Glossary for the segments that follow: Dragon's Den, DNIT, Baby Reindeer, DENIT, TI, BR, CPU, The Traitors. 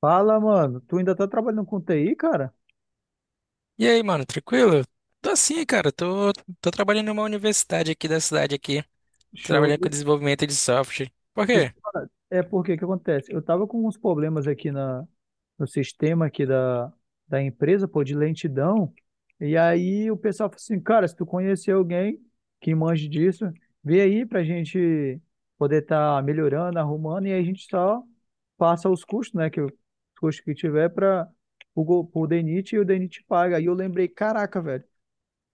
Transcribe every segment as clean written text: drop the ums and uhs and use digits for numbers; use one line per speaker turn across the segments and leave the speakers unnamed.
Fala, mano. Tu ainda tá trabalhando com TI, cara?
E aí, mano, tranquilo? Tô assim, cara, tô, tô trabalhando numa universidade aqui da cidade aqui,
Show.
trabalhando com desenvolvimento de software. Por
Deixa eu
quê?
te falar. É porque que acontece? Eu tava com uns problemas no sistema da empresa, pô, de lentidão. E aí o pessoal falou assim, cara, se tu conhecer alguém que manje disso, vê aí pra gente poder estar melhorando, arrumando, e aí a gente só passa os custos, né? Os custos que tiver para o DENIT e o DENIT paga. Aí eu lembrei, caraca, velho.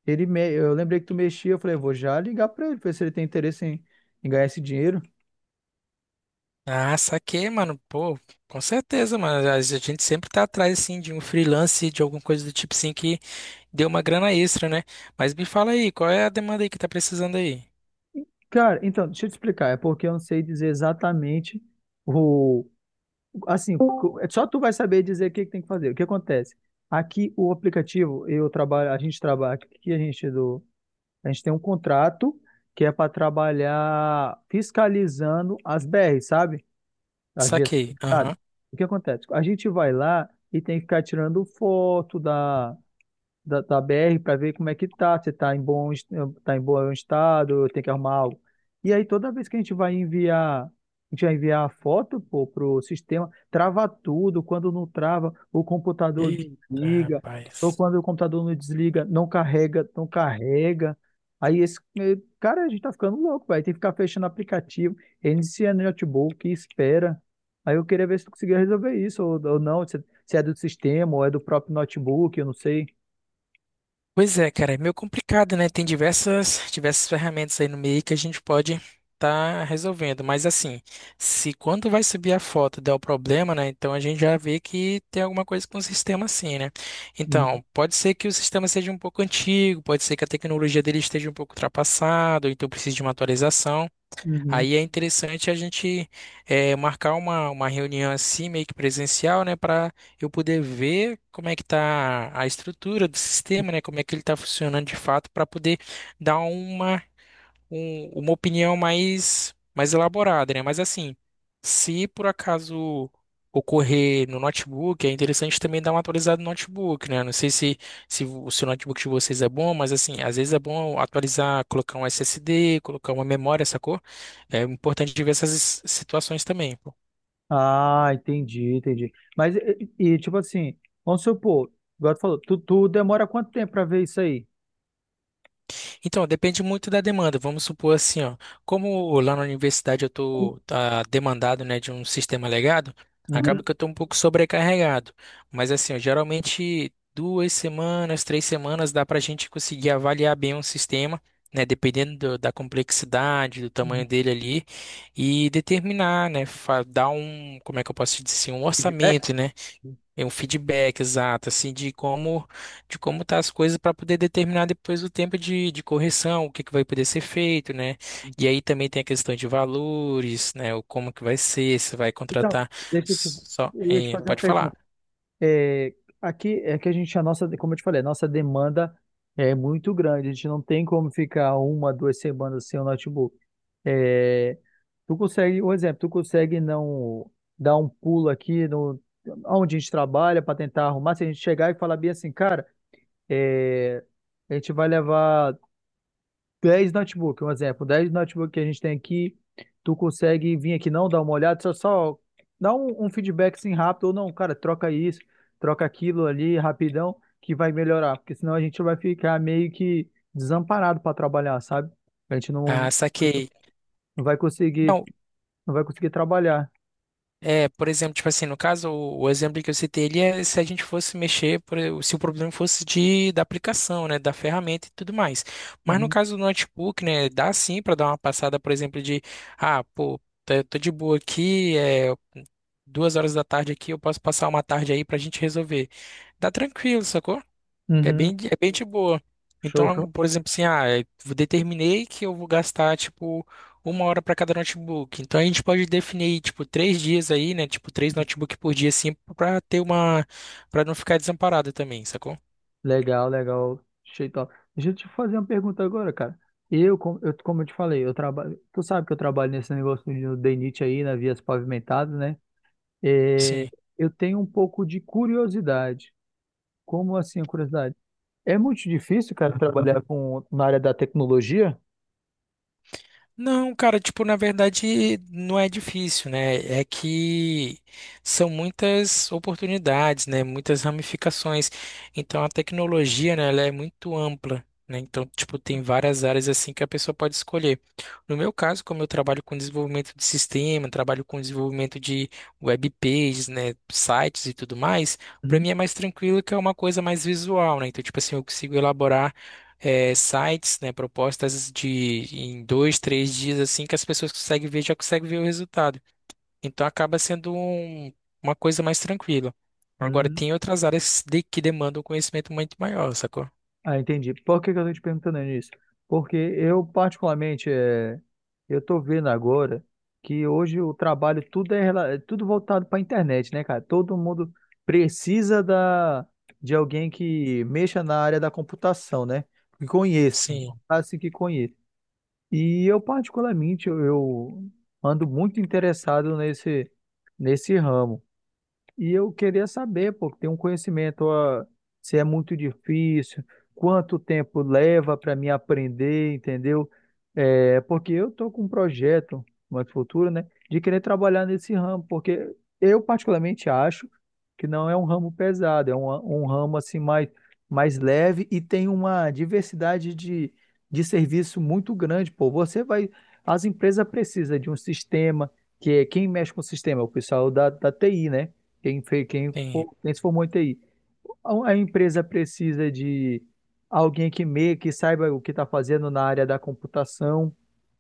Eu lembrei que tu mexia, eu falei, eu vou já ligar pra ele, ver se ele tem interesse em ganhar esse dinheiro.
Ah, saquei, mano, pô, com certeza, mano, a gente sempre tá atrás, assim, de um freelance, de alguma coisa do tipo, assim, que dê uma grana extra, né? Mas me fala aí, qual é a demanda aí que tá precisando aí?
Cara, então, deixa eu te explicar, é porque eu não sei dizer exatamente o. Assim, só tu vai saber dizer o que que tem que fazer. O que acontece? Aqui o aplicativo, a gente trabalha, aqui a gente do, a gente tem um contrato que é para trabalhar fiscalizando as BR, sabe? As vias do
Saquei,
estado.
aham.
O que acontece? A gente vai lá e tem que ficar tirando foto da BR para ver como é que tá, se tá em bom, es- tá em bom estado, tem que arrumar algo. E aí toda vez que a gente vai enviar, pô, pro sistema, trava tudo, quando não trava, o computador
Eita,
desliga, ou
rapaz.
quando o computador não desliga, não carrega, não carrega. Cara, a gente tá ficando louco, vai tem que ficar fechando aplicativo, inicia no notebook, espera. Aí eu queria ver se tu conseguia resolver isso ou não, se é do sistema ou é do próprio notebook, eu não sei.
Pois é, cara, é meio complicado, né? Tem diversas ferramentas aí no meio que a gente pode tá resolvendo, mas assim, se quando vai subir a foto der o problema, né? Então a gente já vê que tem alguma coisa com o sistema assim, né? Então, pode ser que o sistema seja um pouco antigo, pode ser que a tecnologia dele esteja um pouco ultrapassada, ou então precise de uma atualização.
Uhum.
Aí é interessante a gente marcar uma reunião assim, meio que presencial, né, para eu poder ver como é que está a estrutura do sistema, né, como é que ele está funcionando de fato, para poder dar uma uma opinião mais, mais elaborada, né? Mas assim, se por acaso ocorrer no notebook, é interessante também dar uma atualizada no notebook, né? Não sei se, se o seu notebook de vocês é bom, mas assim, às vezes é bom atualizar, colocar um SSD, colocar uma memória, sacou? É importante ver essas situações também.
Ah, entendi, entendi. Mas, e, tipo assim, vamos supor, igual tu falou, tu demora quanto tempo pra ver isso aí?
Então, depende muito da demanda. Vamos supor assim, ó, como lá na universidade eu estou demandado, né, de um sistema legado,
Uhum.
acaba que eu estou um pouco sobrecarregado. Mas assim, ó, geralmente duas semanas, três semanas dá para a gente conseguir avaliar bem um sistema, né, dependendo da complexidade, do tamanho dele ali, e determinar, né, dar um, como é que eu posso dizer assim, um
Feedback?
orçamento, né, é um feedback exato, assim, de como tá as coisas para poder determinar depois o tempo de correção, o que que vai poder ser feito, né? E aí também tem a questão de valores, né? O como que vai ser, se vai
Então,
contratar
deixa eu te,
só,
eu ia te
é,
fazer uma
pode falar.
pergunta. É, aqui é que a gente, a nossa, como eu te falei, a nossa demanda é muito grande. A gente não tem como ficar uma, duas semanas sem o notebook. É, tu consegue, um exemplo, tu consegue não dar um pulo aqui no, onde a gente trabalha para tentar arrumar, se a gente chegar e falar bem assim, cara. É, a gente vai levar 10 notebook, um exemplo, 10 notebook que a gente tem aqui, tu consegue vir aqui não, dar uma olhada, só dá um feedback assim rápido, ou não, cara, troca isso, troca aquilo ali rapidão, que vai melhorar, porque senão a gente vai ficar meio que desamparado para trabalhar, sabe? A gente não,
Ah, saquei.
não vai conseguir,
Não,
não vai conseguir trabalhar.
é, por exemplo, tipo assim, no caso, o exemplo que eu citei, ele é se a gente fosse mexer, se o problema fosse de, da aplicação, né, da ferramenta e tudo mais. Mas no
Uhum.
caso do notebook, né, dá sim para dar uma passada, por exemplo, de, ah, pô, tô, tô de boa aqui, é duas horas da tarde aqui, eu posso passar uma tarde aí pra gente resolver. Dá tranquilo, sacou? É
Uhum.
bem, é bem de boa.
Show, show.
Então, por exemplo, assim, ah, eu determinei que eu vou gastar, tipo, uma hora para cada notebook. Então, a gente pode definir, tipo, três dias aí, né? Tipo, três notebook por dia, assim, para ter uma, para não ficar desamparado também, sacou?
Legal, legal. Achei top. Deixa eu te fazer uma pergunta agora, cara. Como eu te falei, eu trabalho. Tu sabe que eu trabalho nesse negócio de DNIT aí, nas vias pavimentadas, né? É,
Sim.
eu tenho um pouco de curiosidade. Como assim, a curiosidade? É muito difícil, cara, na área da tecnologia?
Não, cara, tipo, na verdade não é difícil, né? É que são muitas oportunidades, né? Muitas ramificações. Então a tecnologia, né, ela é muito ampla, né? Então, tipo, tem várias áreas assim que a pessoa pode escolher. No meu caso, como eu trabalho com desenvolvimento de sistema, trabalho com desenvolvimento de web pages, né, sites e tudo mais, para
Uhum.
mim é mais tranquilo que é uma coisa mais visual, né? Então, tipo assim, eu consigo elaborar sites, né, propostas de em dois, três dias assim que as pessoas conseguem ver, já conseguem ver o resultado. Então acaba sendo uma coisa mais tranquila. Agora
Hum,
tem outras áreas que demandam um conhecimento muito maior, sacou?
ah, entendi. Por que que eu tô te perguntando isso? Porque eu, particularmente, eu tô vendo agora que hoje o trabalho tudo é, é tudo voltado para a internet, né, cara? Todo mundo precisa da, de alguém que mexa na área da computação, né? Que conheça,
Sim,
assim que conheça. E eu, particularmente, eu ando muito interessado nesse ramo. E eu queria saber, pô, tem um conhecimento, ó, se é muito difícil, quanto tempo leva para mim aprender, entendeu? É, porque eu tô com um projeto no futuro, né, de querer trabalhar nesse ramo, porque eu particularmente acho que não é um ramo pesado, um ramo assim mais leve e tem uma diversidade de serviço muito grande, pô. Você vai, as empresas precisam de um sistema, que é quem mexe com o sistema, é o pessoal da TI, né?
sim,
Quem se formou em TI. A empresa precisa de alguém que meio que saiba o que está fazendo na área da computação,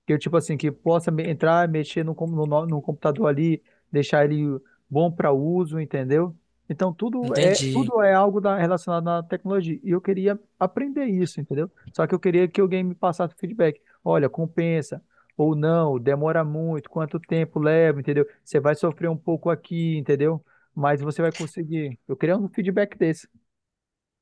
que eu, tipo assim, que possa me- entrar, mexer no, com- no, no- no computador ali, deixar ele bom para uso, entendeu? Então
entendi.
tudo é algo relacionado à tecnologia. E eu queria aprender isso, entendeu? Só que eu queria que alguém me passasse feedback. Olha, compensa ou não, demora muito, quanto tempo leva, entendeu? Você vai sofrer um pouco aqui, entendeu? Mas você vai conseguir. Eu queria um feedback desse.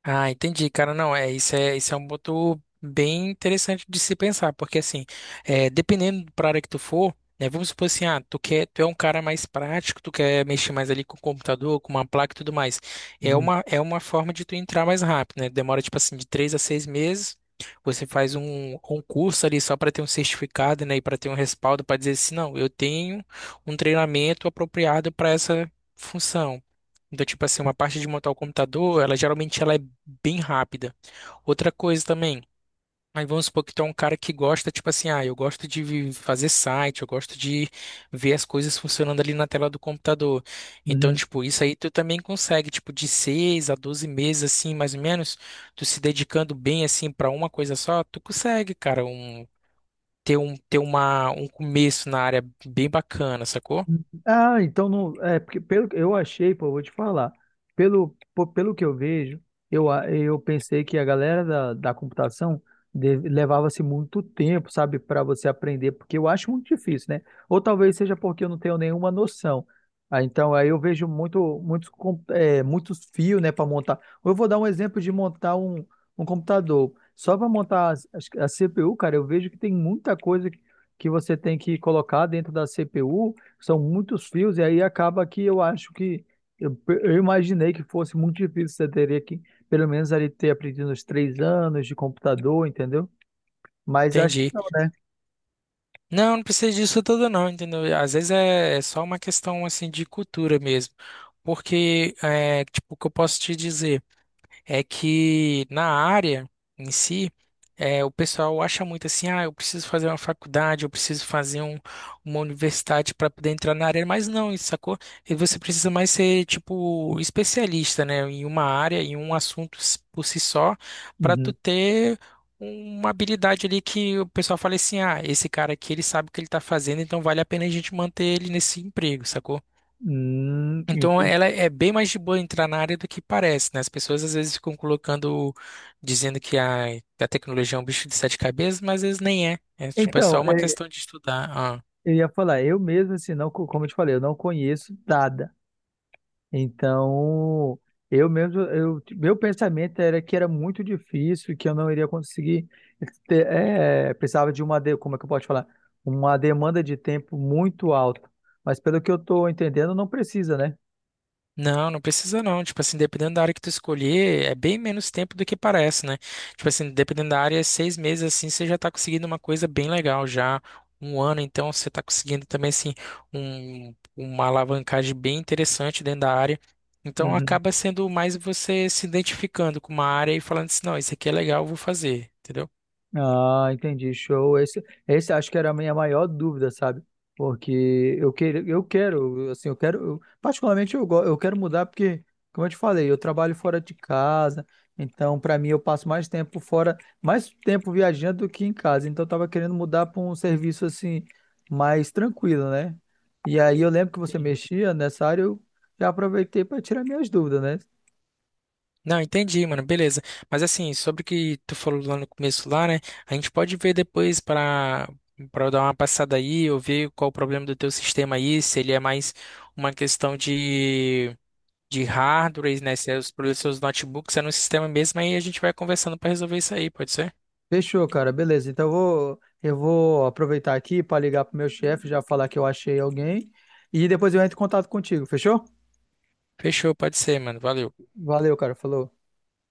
Ah, entendi, cara. Não, isso é um ponto bem interessante de se pensar, porque assim, é, dependendo para área que tu for, né, vamos supor assim, ah, tu quer, tu é um cara mais prático, tu quer mexer mais ali com o computador, com uma placa e tudo mais. É
Uhum.
uma é uma forma de tu entrar mais rápido, né? Demora tipo assim de três a seis meses. Você faz um, um curso ali só para ter um certificado, né, e para ter um respaldo para dizer assim, não, eu tenho um treinamento apropriado para essa função. Então, tipo assim, uma parte de montar o computador, ela geralmente ela é bem rápida. Outra coisa também, aí vamos supor que tu é um cara que gosta, tipo assim, ah, eu gosto de fazer site, eu gosto de ver as coisas funcionando ali na tela do computador. Então,
Uhum.
tipo, isso aí tu também consegue, tipo, de 6 a 12 meses, assim, mais ou menos, tu se dedicando bem, assim, para uma coisa só, tu consegue, cara, um, ter uma, um começo na área bem bacana, sacou?
Ah, então não. É, porque pelo eu achei, pô, eu vou te falar. Pelo que eu vejo, eu pensei que a galera da computação levava-se muito tempo, sabe, para você aprender, porque eu acho muito difícil, né? Ou talvez seja porque eu não tenho nenhuma noção. Ah, então, aí eu vejo muitos fios, né, para montar. Eu vou dar um exemplo de montar um computador. Só para montar a CPU, cara, eu vejo que tem muita coisa que você tem que colocar dentro da CPU são muitos fios, e aí acaba que eu acho que eu imaginei que fosse muito difícil. Você teria que, pelo menos, ali ter aprendido uns três anos de computador, entendeu? Mas acho que
Entendi.
não, né?
Não, não precisa disso tudo não, entendeu? Às vezes é, é só uma questão assim de cultura mesmo. Porque, é, tipo, o que eu posso te dizer? É que na área em si, é, o pessoal acha muito assim, ah, eu preciso fazer uma faculdade, eu preciso fazer uma universidade para poder entrar na área, mas não, isso sacou? E você precisa mais ser, tipo, especialista, né, em uma área, em um assunto por si só, para tu
Uhum.
ter uma habilidade ali que o pessoal fala assim, ah, esse cara aqui, ele sabe o que ele tá fazendo, então vale a pena a gente manter ele nesse emprego, sacou? Então,
Entendi.
ela é bem mais de boa entrar na área do que parece, né? As pessoas às vezes ficam colocando, dizendo que a tecnologia é um bicho de sete cabeças, mas às vezes nem é. É tipo, é
Então,
só uma
é,
questão de estudar. Ah.
eu ia falar, eu mesmo, assim, não, como eu te falei, eu não conheço nada. Então, meu pensamento era que era muito difícil, que eu não iria conseguir precisava como é que eu posso falar? Uma demanda de tempo muito alta. Mas pelo que eu estou entendendo, não precisa, né?
Não, não precisa não. Tipo assim, dependendo da área que tu escolher, é bem menos tempo do que parece, né? Tipo assim, dependendo da área, seis meses assim, você já tá conseguindo uma coisa bem legal já. Um ano, então, você tá conseguindo também, assim, uma alavancagem bem interessante dentro da área. Então, acaba sendo mais você se identificando com uma área e falando assim, não, isso aqui é legal, eu vou fazer, entendeu?
Ah, entendi, show. Esse acho que era a minha maior dúvida, sabe? Porque eu quero, assim, particularmente eu quero mudar porque, como eu te falei, eu trabalho fora de casa, então para mim eu passo mais tempo fora, mais tempo viajando do que em casa. Então eu tava querendo mudar para um serviço assim mais tranquilo, né? E aí eu lembro que você
Sim.
mexia nessa área, eu já aproveitei para tirar minhas dúvidas, né?
Não, entendi, mano, beleza. Mas assim, sobre o que tu falou lá no começo lá, né? A gente pode ver depois para para dar uma passada aí, eu ver qual o problema do teu sistema aí, se ele é mais uma questão de hardware, né? Se é os problemas dos seus notebooks é no sistema mesmo, aí a gente vai conversando para resolver isso aí, pode ser?
Fechou, cara. Beleza. Então eu vou aproveitar aqui para ligar pro meu chefe, já falar que eu achei alguém e depois eu entro em contato contigo. Fechou?
Fechou, pode ser, mano. Valeu.
Valeu, cara. Falou.